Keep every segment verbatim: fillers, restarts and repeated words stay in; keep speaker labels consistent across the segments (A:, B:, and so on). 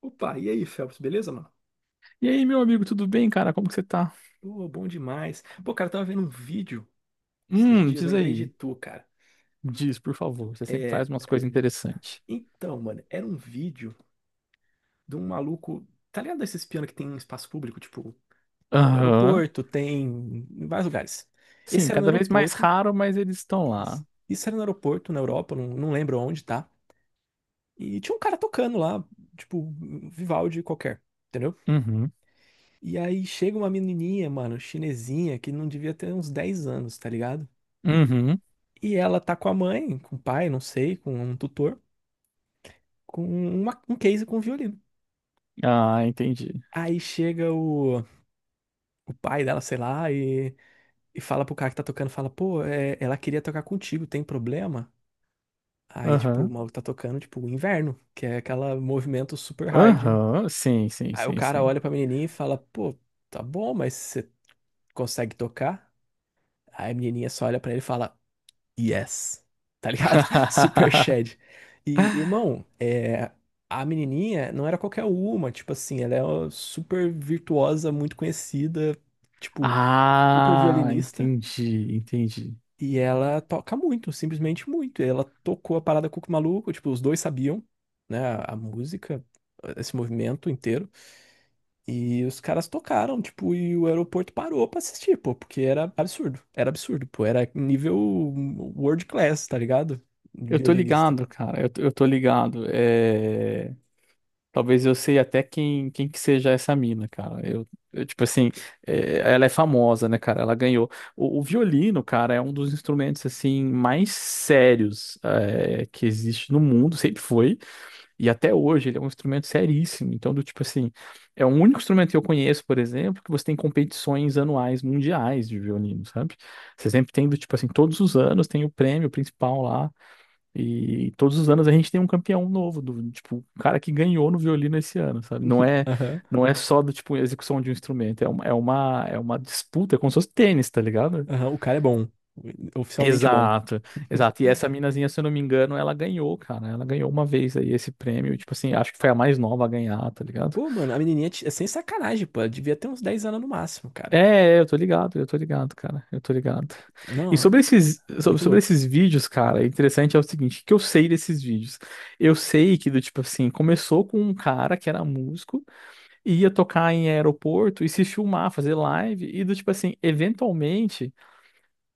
A: Opa, e aí, Phelps, beleza, mano?
B: E aí, meu amigo, tudo bem, cara? Como que você tá?
A: Pô, bom demais. Pô, cara, eu tava vendo um vídeo esses
B: Hum,
A: dias,
B: diz
A: lembrei de
B: aí.
A: tu, cara.
B: Diz, por favor. Você sempre
A: É,
B: traz umas coisas interessantes.
A: então, mano, era um vídeo de um maluco, tá ligado esses pianos que tem em espaço público, tipo, no
B: Aham.
A: aeroporto, tem em vários lugares. Esse
B: Sim,
A: era no
B: cada vez mais
A: aeroporto,
B: raro, mas eles estão
A: isso,
B: lá.
A: isso era no aeroporto, na Europa, não, não lembro onde, tá? E tinha um cara tocando lá, tipo, Vivaldi qualquer. Entendeu?
B: Uhum.
A: E aí chega uma menininha, mano, chinesinha, que não devia ter uns dez anos, tá ligado?
B: Uhum.
A: E ela tá com a mãe, com o pai, não sei, com um tutor, com uma- um case com um violino.
B: Ah, entendi.
A: Aí chega o, o pai dela, sei lá, e, e fala pro cara que tá tocando, fala, pô, é, ela queria tocar contigo, tem problema? Aí, tipo, o
B: Aham.
A: maluco tá tocando, tipo, o inverno, que é aquele movimento super hard.
B: Aham. Sim, sim,
A: Aí o
B: sim,
A: cara
B: sim.
A: olha pra menininha e fala, pô, tá bom, mas você consegue tocar? Aí a menininha só olha pra ele e fala, yes. Tá ligado? Super Shed. E, irmão, é, a menininha não era qualquer uma, tipo assim, ela é uma super virtuosa, muito conhecida, tipo, super
B: Ah,
A: violinista,
B: entendi, entendi.
A: e ela toca muito, simplesmente muito. E ela tocou a parada Cuco Maluco, tipo, os dois sabiam, né, a, a música, esse movimento inteiro. E os caras tocaram, tipo, e o aeroporto parou pra assistir, pô, porque era absurdo. Era absurdo, pô. Era nível world class, tá ligado?
B: Eu tô
A: Violinista.
B: ligado, cara. Eu, tô- eu tô ligado. é Talvez eu sei até quem, quem que seja essa mina, cara. Eu, eu, tipo assim, é, ela é famosa, né, cara? Ela ganhou. O, o violino, cara, é um dos instrumentos, assim, mais sérios, é, que existe no mundo, sempre foi. E até hoje ele é um instrumento seríssimo. Então, do tipo assim, é o único instrumento que eu conheço, por exemplo, que você tem competições anuais mundiais de violino, sabe? Você sempre tem, do tipo assim, todos os anos tem o prêmio principal lá. E todos os anos a gente tem um campeão novo, do tipo, o cara que ganhou no violino esse ano, sabe? Não é,
A: Aham.
B: não é só do tipo execução de um instrumento, é uma, é uma, é uma disputa, é como se fosse tênis, tá ligado?
A: Aham, o cara é bom. Oficialmente bom.
B: Exato, exato. E essa minazinha, se eu não me engano, ela ganhou, cara. Ela ganhou uma vez aí esse prêmio, tipo assim, acho que foi a mais nova a ganhar, tá ligado?
A: Pô, mano, a menininha t- é sem sacanagem, pô. Ela devia ter uns dez anos no máximo,
B: É,
A: cara.
B: é, eu tô ligado, eu tô ligado, cara, eu tô ligado. E
A: Não,
B: sobre esses,
A: é
B: sobre,
A: muito
B: sobre
A: louco.
B: esses vídeos, cara, interessante é o seguinte, o que eu sei desses vídeos? Eu sei que, do tipo assim, começou com um cara que era músico, e ia tocar em aeroporto e se filmar, fazer live, e do tipo assim, eventualmente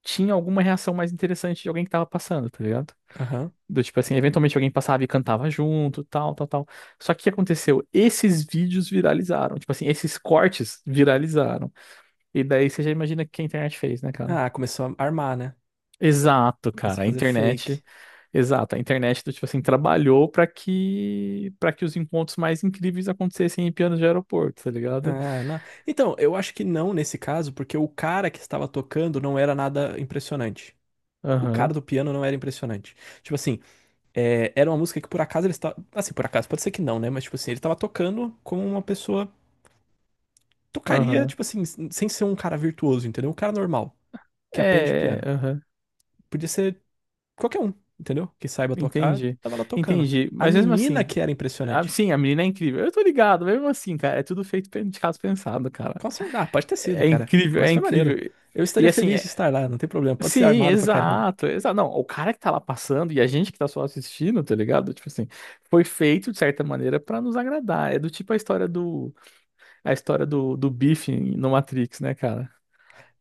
B: tinha alguma reação mais interessante de alguém que tava passando, tá ligado?
A: Aham.
B: Do tipo assim, eventualmente alguém passava e cantava junto, tal, tal, tal. Só que o que aconteceu? Esses vídeos viralizaram, tipo assim, esses cortes viralizaram. E daí você já imagina o que a internet fez, né, cara?
A: Ah, começou a armar, né?
B: Exato,
A: Começou
B: cara.
A: a
B: A
A: fazer fake.
B: internet, exato. A internet, do tipo assim, trabalhou para que para que os encontros mais incríveis acontecessem em pianos de aeroporto, tá ligado?
A: Ah, não. Então, eu acho que não nesse caso, porque o cara que estava tocando não era nada impressionante. O
B: Aham,
A: cara do piano não era impressionante. Tipo assim, é, era uma música que por acaso ele estava. Assim, por acaso, pode ser que não, né? Mas, tipo assim, ele estava tocando como uma pessoa tocaria,
B: aham.
A: tipo assim, sem ser um cara virtuoso, entendeu? Um cara normal, que aprende
B: É,
A: piano.
B: aham.
A: Podia ser qualquer um, entendeu? Que saiba tocar,
B: Entendi.
A: tava lá tocando.
B: Entendi.
A: A
B: Mas mesmo
A: menina
B: assim,
A: que era
B: a-
A: impressionante.
B: sim, a menina é incrível. Eu tô ligado, mesmo assim, cara, é tudo feito pe- de caso pensado, cara.
A: Com certeza, ah, pode ter sido,
B: É
A: cara.
B: incrível,
A: Mas
B: é
A: foi
B: incrível.
A: maneiro. Eu
B: E
A: estaria
B: assim,
A: feliz de estar lá, não tem problema. Pode ser
B: sim,
A: armado pra caramba.
B: exato, exato. Não, o cara que tá lá passando e a gente que tá só assistindo, tá ligado? Tipo assim, foi feito de certa maneira pra nos agradar. É do tipo a história do a história do, do bife no Matrix, né, cara?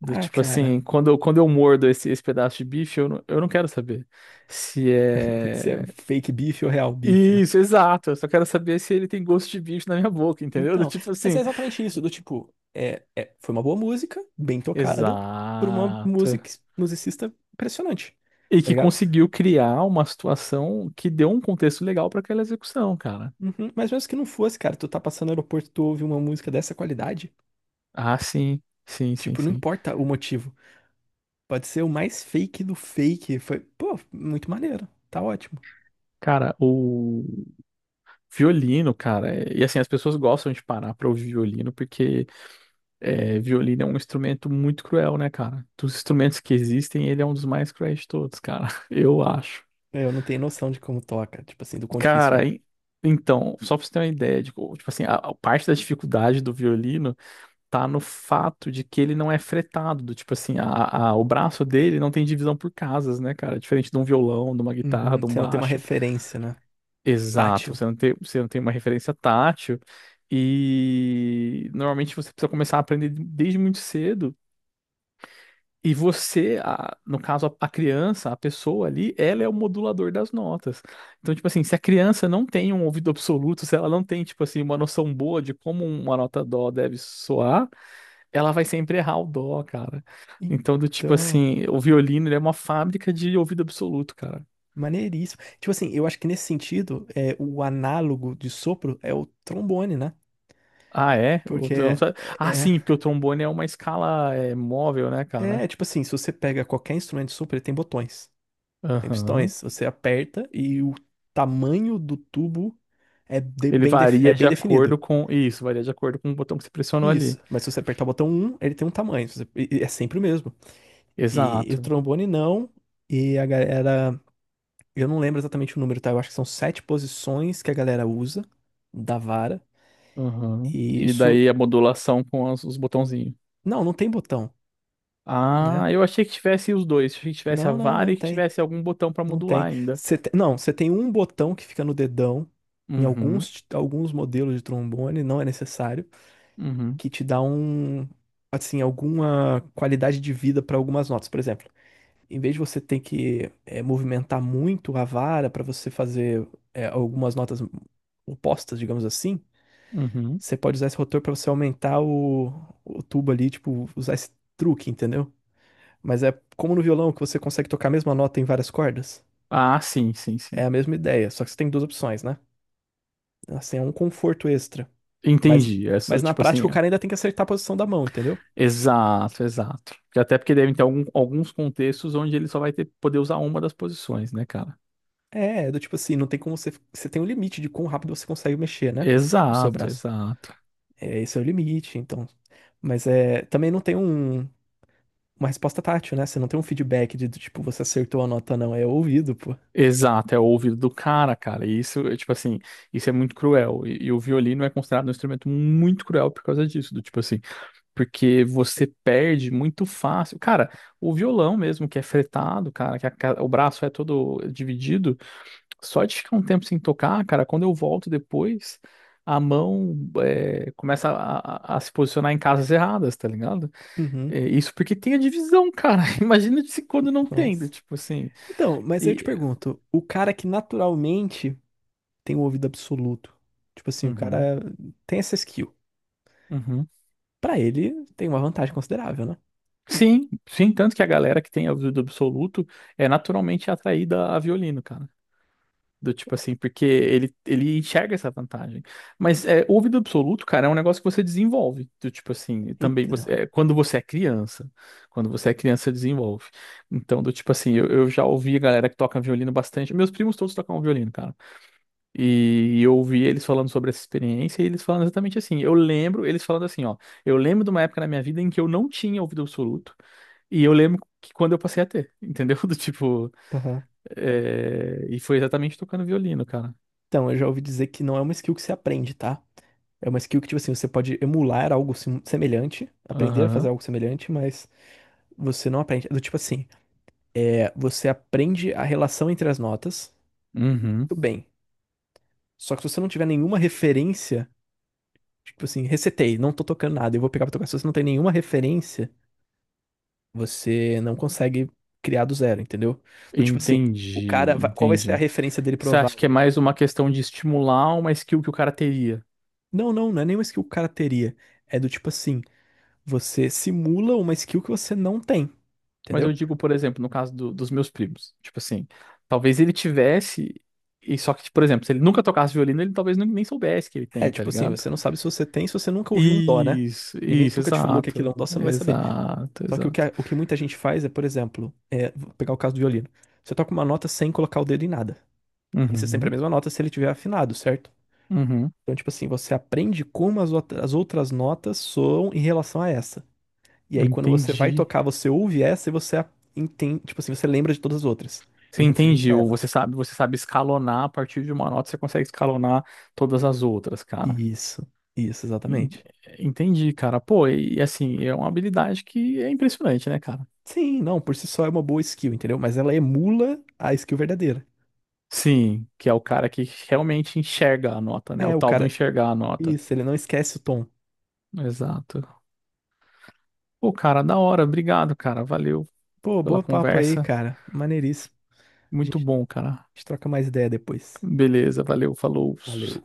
B: Do
A: Ah,
B: tipo assim,
A: cara,
B: quando eu, quando eu mordo esse, esse pedaço de bife, eu não, eu não quero saber se
A: se
B: é.
A: é fake beef ou real beef, né?
B: Isso, exato. Eu só quero saber se ele tem gosto de bife na minha boca, entendeu? Do
A: Então,
B: tipo
A: mas é
B: assim,
A: exatamente isso, do tipo, é, é- foi uma boa música, bem tocada, por uma
B: exato.
A: music, musicista impressionante,
B: E
A: tá
B: que
A: ligado?
B: conseguiu criar uma situação que deu um contexto legal pra aquela execução, cara.
A: Uhum, mas mesmo que não fosse, cara, tu tá passando no aeroporto, tu ouve uma música dessa qualidade,
B: Ah, sim, sim, sim,
A: tipo, não
B: sim.
A: importa o motivo, pode ser o mais fake do fake, foi, pô, muito maneiro, tá ótimo.
B: Cara, o violino, cara, é- e assim, as pessoas gostam de parar pra ouvir violino porque é, violino é um instrumento muito cruel, né, cara? Dos instrumentos que existem, ele é um dos mais cruéis de todos, cara, eu acho.
A: Eu não tenho noção de como toca, tipo assim, do quão difícil
B: Cara,
A: é.
B: e- então, só pra você ter uma ideia, de co- tipo assim, a, a parte da dificuldade do violino tá no fato de que ele não é fretado, do tipo assim, a, a- o braço dele não tem divisão por casas, né, cara? Diferente de um violão, de uma guitarra,
A: Uhum,
B: de um
A: você não tem uma
B: baixo.
A: referência, né?
B: Exato,
A: Tátil.
B: você não tem, você não tem uma referência tátil e normalmente você precisa começar a aprender desde muito cedo. E você, a- no caso, a, a criança, a pessoa ali, ela é o modulador das notas. Então, tipo assim, se a criança não tem um ouvido absoluto, se ela não tem, tipo assim, uma noção boa de como uma nota dó deve soar, ela vai sempre errar o dó, cara. Então, do tipo
A: Então.
B: assim, o violino, ele é uma fábrica de ouvido absoluto, cara.
A: Maneiríssimo. Tipo assim, eu acho que nesse sentido, é, o análogo de sopro é o trombone, né?
B: Ah, é? O
A: Porque
B: trom-
A: é,
B: Ah,
A: é,
B: sim, porque o trombone é uma escala é, móvel, né,
A: é
B: cara?
A: é, tipo assim, se você pega qualquer instrumento de sopro, ele tem botões, tem
B: Aham.
A: pistões. Você aperta e o tamanho do tubo é de-
B: Ele
A: bem, def- é
B: varia de
A: bem
B: acordo
A: definido.
B: com. Isso, varia de acordo com o botão que você pressionou
A: Isso.
B: ali.
A: Mas se você apertar o botão um ele tem um tamanho. Se você- e- e é sempre o mesmo. E, e o
B: Exato.
A: trombone não. E a galera. Eu não lembro exatamente o número, tá? Eu acho que são sete posições que a galera usa da vara.
B: Aham.
A: E
B: E
A: isso.
B: daí a modulação com as- os botãozinhos.
A: Não, não tem botão, né?
B: Ah, eu achei que tivesse os dois. Achei que tivesse a
A: Não, não,
B: vara
A: não
B: e que
A: tem.
B: tivesse algum botão pra
A: Não
B: modular
A: tem.
B: ainda.
A: Você te- Não, você tem um botão que fica no dedão. Em
B: Uhum,
A: alguns, alguns modelos de trombone, não é necessário,
B: uhum,
A: que te dá um, assim, alguma qualidade de vida para algumas notas. Por exemplo, em vez de você ter que eh, movimentar muito a vara para você fazer eh, algumas notas opostas, digamos assim,
B: uhum.
A: você pode usar esse rotor para você aumentar o, o tubo ali, tipo, usar esse truque, entendeu? Mas é como no violão que você consegue tocar a mesma nota em várias cordas.
B: Ah, sim, sim,
A: É
B: sim.
A: a mesma ideia, só que você tem duas opções, né? Assim, é um conforto extra. Mas,
B: Entendi. Essa,
A: mas na
B: tipo assim.
A: prática o cara ainda tem que acertar a posição da mão, entendeu?
B: Exato, exato. Porque até porque devem ter algum- alguns contextos onde ele só vai ter, poder usar uma das posições, né, cara?
A: É, é do tipo assim, não tem como você. Você tem um limite de quão rápido você consegue mexer, né? O seu
B: Exato,
A: braço.
B: exato.
A: É, esse é o limite, então. Mas é, também não tem um, uma resposta tátil, né? Você não tem um feedback de, do tipo, você acertou a nota, não. É ouvido, pô.
B: Exato, é o ouvido do cara, cara. E isso, é, tipo assim, isso é muito cruel. E, e o violino é considerado um instrumento muito cruel por causa disso, do tipo assim, porque você perde muito fácil. Cara, o violão mesmo, que é fretado, cara, que a ca- o braço é todo dividido. Só de ficar um tempo sem tocar, cara, quando eu volto depois, a mão é, começa a, a- a se posicionar em casas erradas, tá ligado?
A: Uhum.
B: É, isso porque tem a divisão, cara. Imagina se quando não tem, do
A: Nossa.
B: tipo assim.
A: Então, mas aí eu te
B: E...
A: pergunto, o cara que naturalmente tem um ouvido absoluto. Tipo assim, o
B: Uhum,
A: cara tem essa skill.
B: uhum.
A: Pra ele, tem uma vantagem considerável, né?
B: Sim, sim, tanto que a galera que tem ouvido absoluto é naturalmente atraída a violino, cara. Do tipo assim, porque ele, ele enxerga essa vantagem. Mas é, ouvido absoluto, cara, é um negócio que você desenvolve. Do tipo assim, também
A: Então,
B: você, é, quando você é criança. Quando você é criança, você desenvolve. Então, do tipo assim, eu, eu já ouvi a galera que toca violino bastante. Meus primos todos tocam violino, cara. E eu ouvi eles falando sobre essa experiência e eles falando exatamente assim. Eu lembro, eles falando assim, ó. Eu lembro de uma época na minha vida em que eu não tinha ouvido absoluto. E eu lembro que quando eu passei a ter, entendeu? Do tipo.
A: aham.
B: é, E foi exatamente tocando violino, cara.
A: Então, eu já ouvi dizer que não é uma skill que se aprende, tá? É uma skill que, tipo assim, você pode emular algo sim- semelhante, aprender a fazer
B: Aham.
A: algo semelhante, mas você não aprende. É do tipo assim, é, você aprende a relação entre as notas,
B: Uhum.
A: tudo bem. Só que se você não tiver nenhuma referência, tipo assim, recetei, não tô tocando nada, eu vou pegar pra tocar. Se você não tem nenhuma referência, você não consegue criar do zero, entendeu? Do tipo assim, o
B: Entendi,
A: cara, vai- qual vai ser a
B: entendi.
A: referência dele
B: Você acha que é
A: provável?
B: mais uma questão de estimular uma skill que o cara teria?
A: Não, não, não é nenhuma skill que o cara teria. É do tipo assim, você simula uma skill que você não tem,
B: Mas eu
A: entendeu?
B: digo, por exemplo, no caso do- dos meus primos. Tipo assim, talvez ele tivesse, e só que, por exemplo, se ele nunca tocasse violino, ele talvez nu- nem soubesse que ele
A: É
B: tem, tá
A: tipo assim,
B: ligado?
A: você não sabe se você tem, se você nunca ouviu um dó, né?
B: Isso,
A: Ninguém
B: isso,
A: nunca te falou que aquilo é um
B: exato.
A: dó, você não vai saber.
B: Exato,
A: Só que o que,
B: exato.
A: a- o que muita gente faz é, por exemplo, é, vou pegar o caso do violino. Você toca uma nota sem colocar o dedo em nada. Vai ser sempre a
B: Uhum,
A: mesma nota se ele tiver afinado, certo?
B: uhum.
A: Então, tipo assim, você aprende como as, outra- as outras notas soam em relação a essa. E aí, quando você vai
B: Entendi.
A: tocar, você ouve essa e você a- entende, tipo assim, você lembra de todas as outras, em
B: Você
A: referência
B: entendi,
A: a
B: ou
A: ela.
B: você sabe, você sabe escalonar a partir de uma nota, você consegue escalonar todas as outras, cara.
A: Isso, isso,
B: En-
A: exatamente.
B: Entendi, cara. Pô, e e assim, é uma habilidade que é impressionante, né, cara?
A: Sim, não, por si só é uma boa skill, entendeu? Mas ela emula a skill verdadeira.
B: Sim, que é o cara que realmente enxerga a nota, né?
A: É,
B: O
A: o
B: tal do
A: cara.
B: enxergar a nota.
A: Isso, ele não esquece o tom.
B: Exato. Pô, cara, da hora. Obrigado, cara. Valeu
A: Pô,
B: pela
A: boa papo aí,
B: conversa.
A: cara. Maneiríssimo. A
B: Muito
A: gente,
B: bom, cara.
A: a gente troca mais ideia depois.
B: Beleza, valeu, falou.
A: Valeu.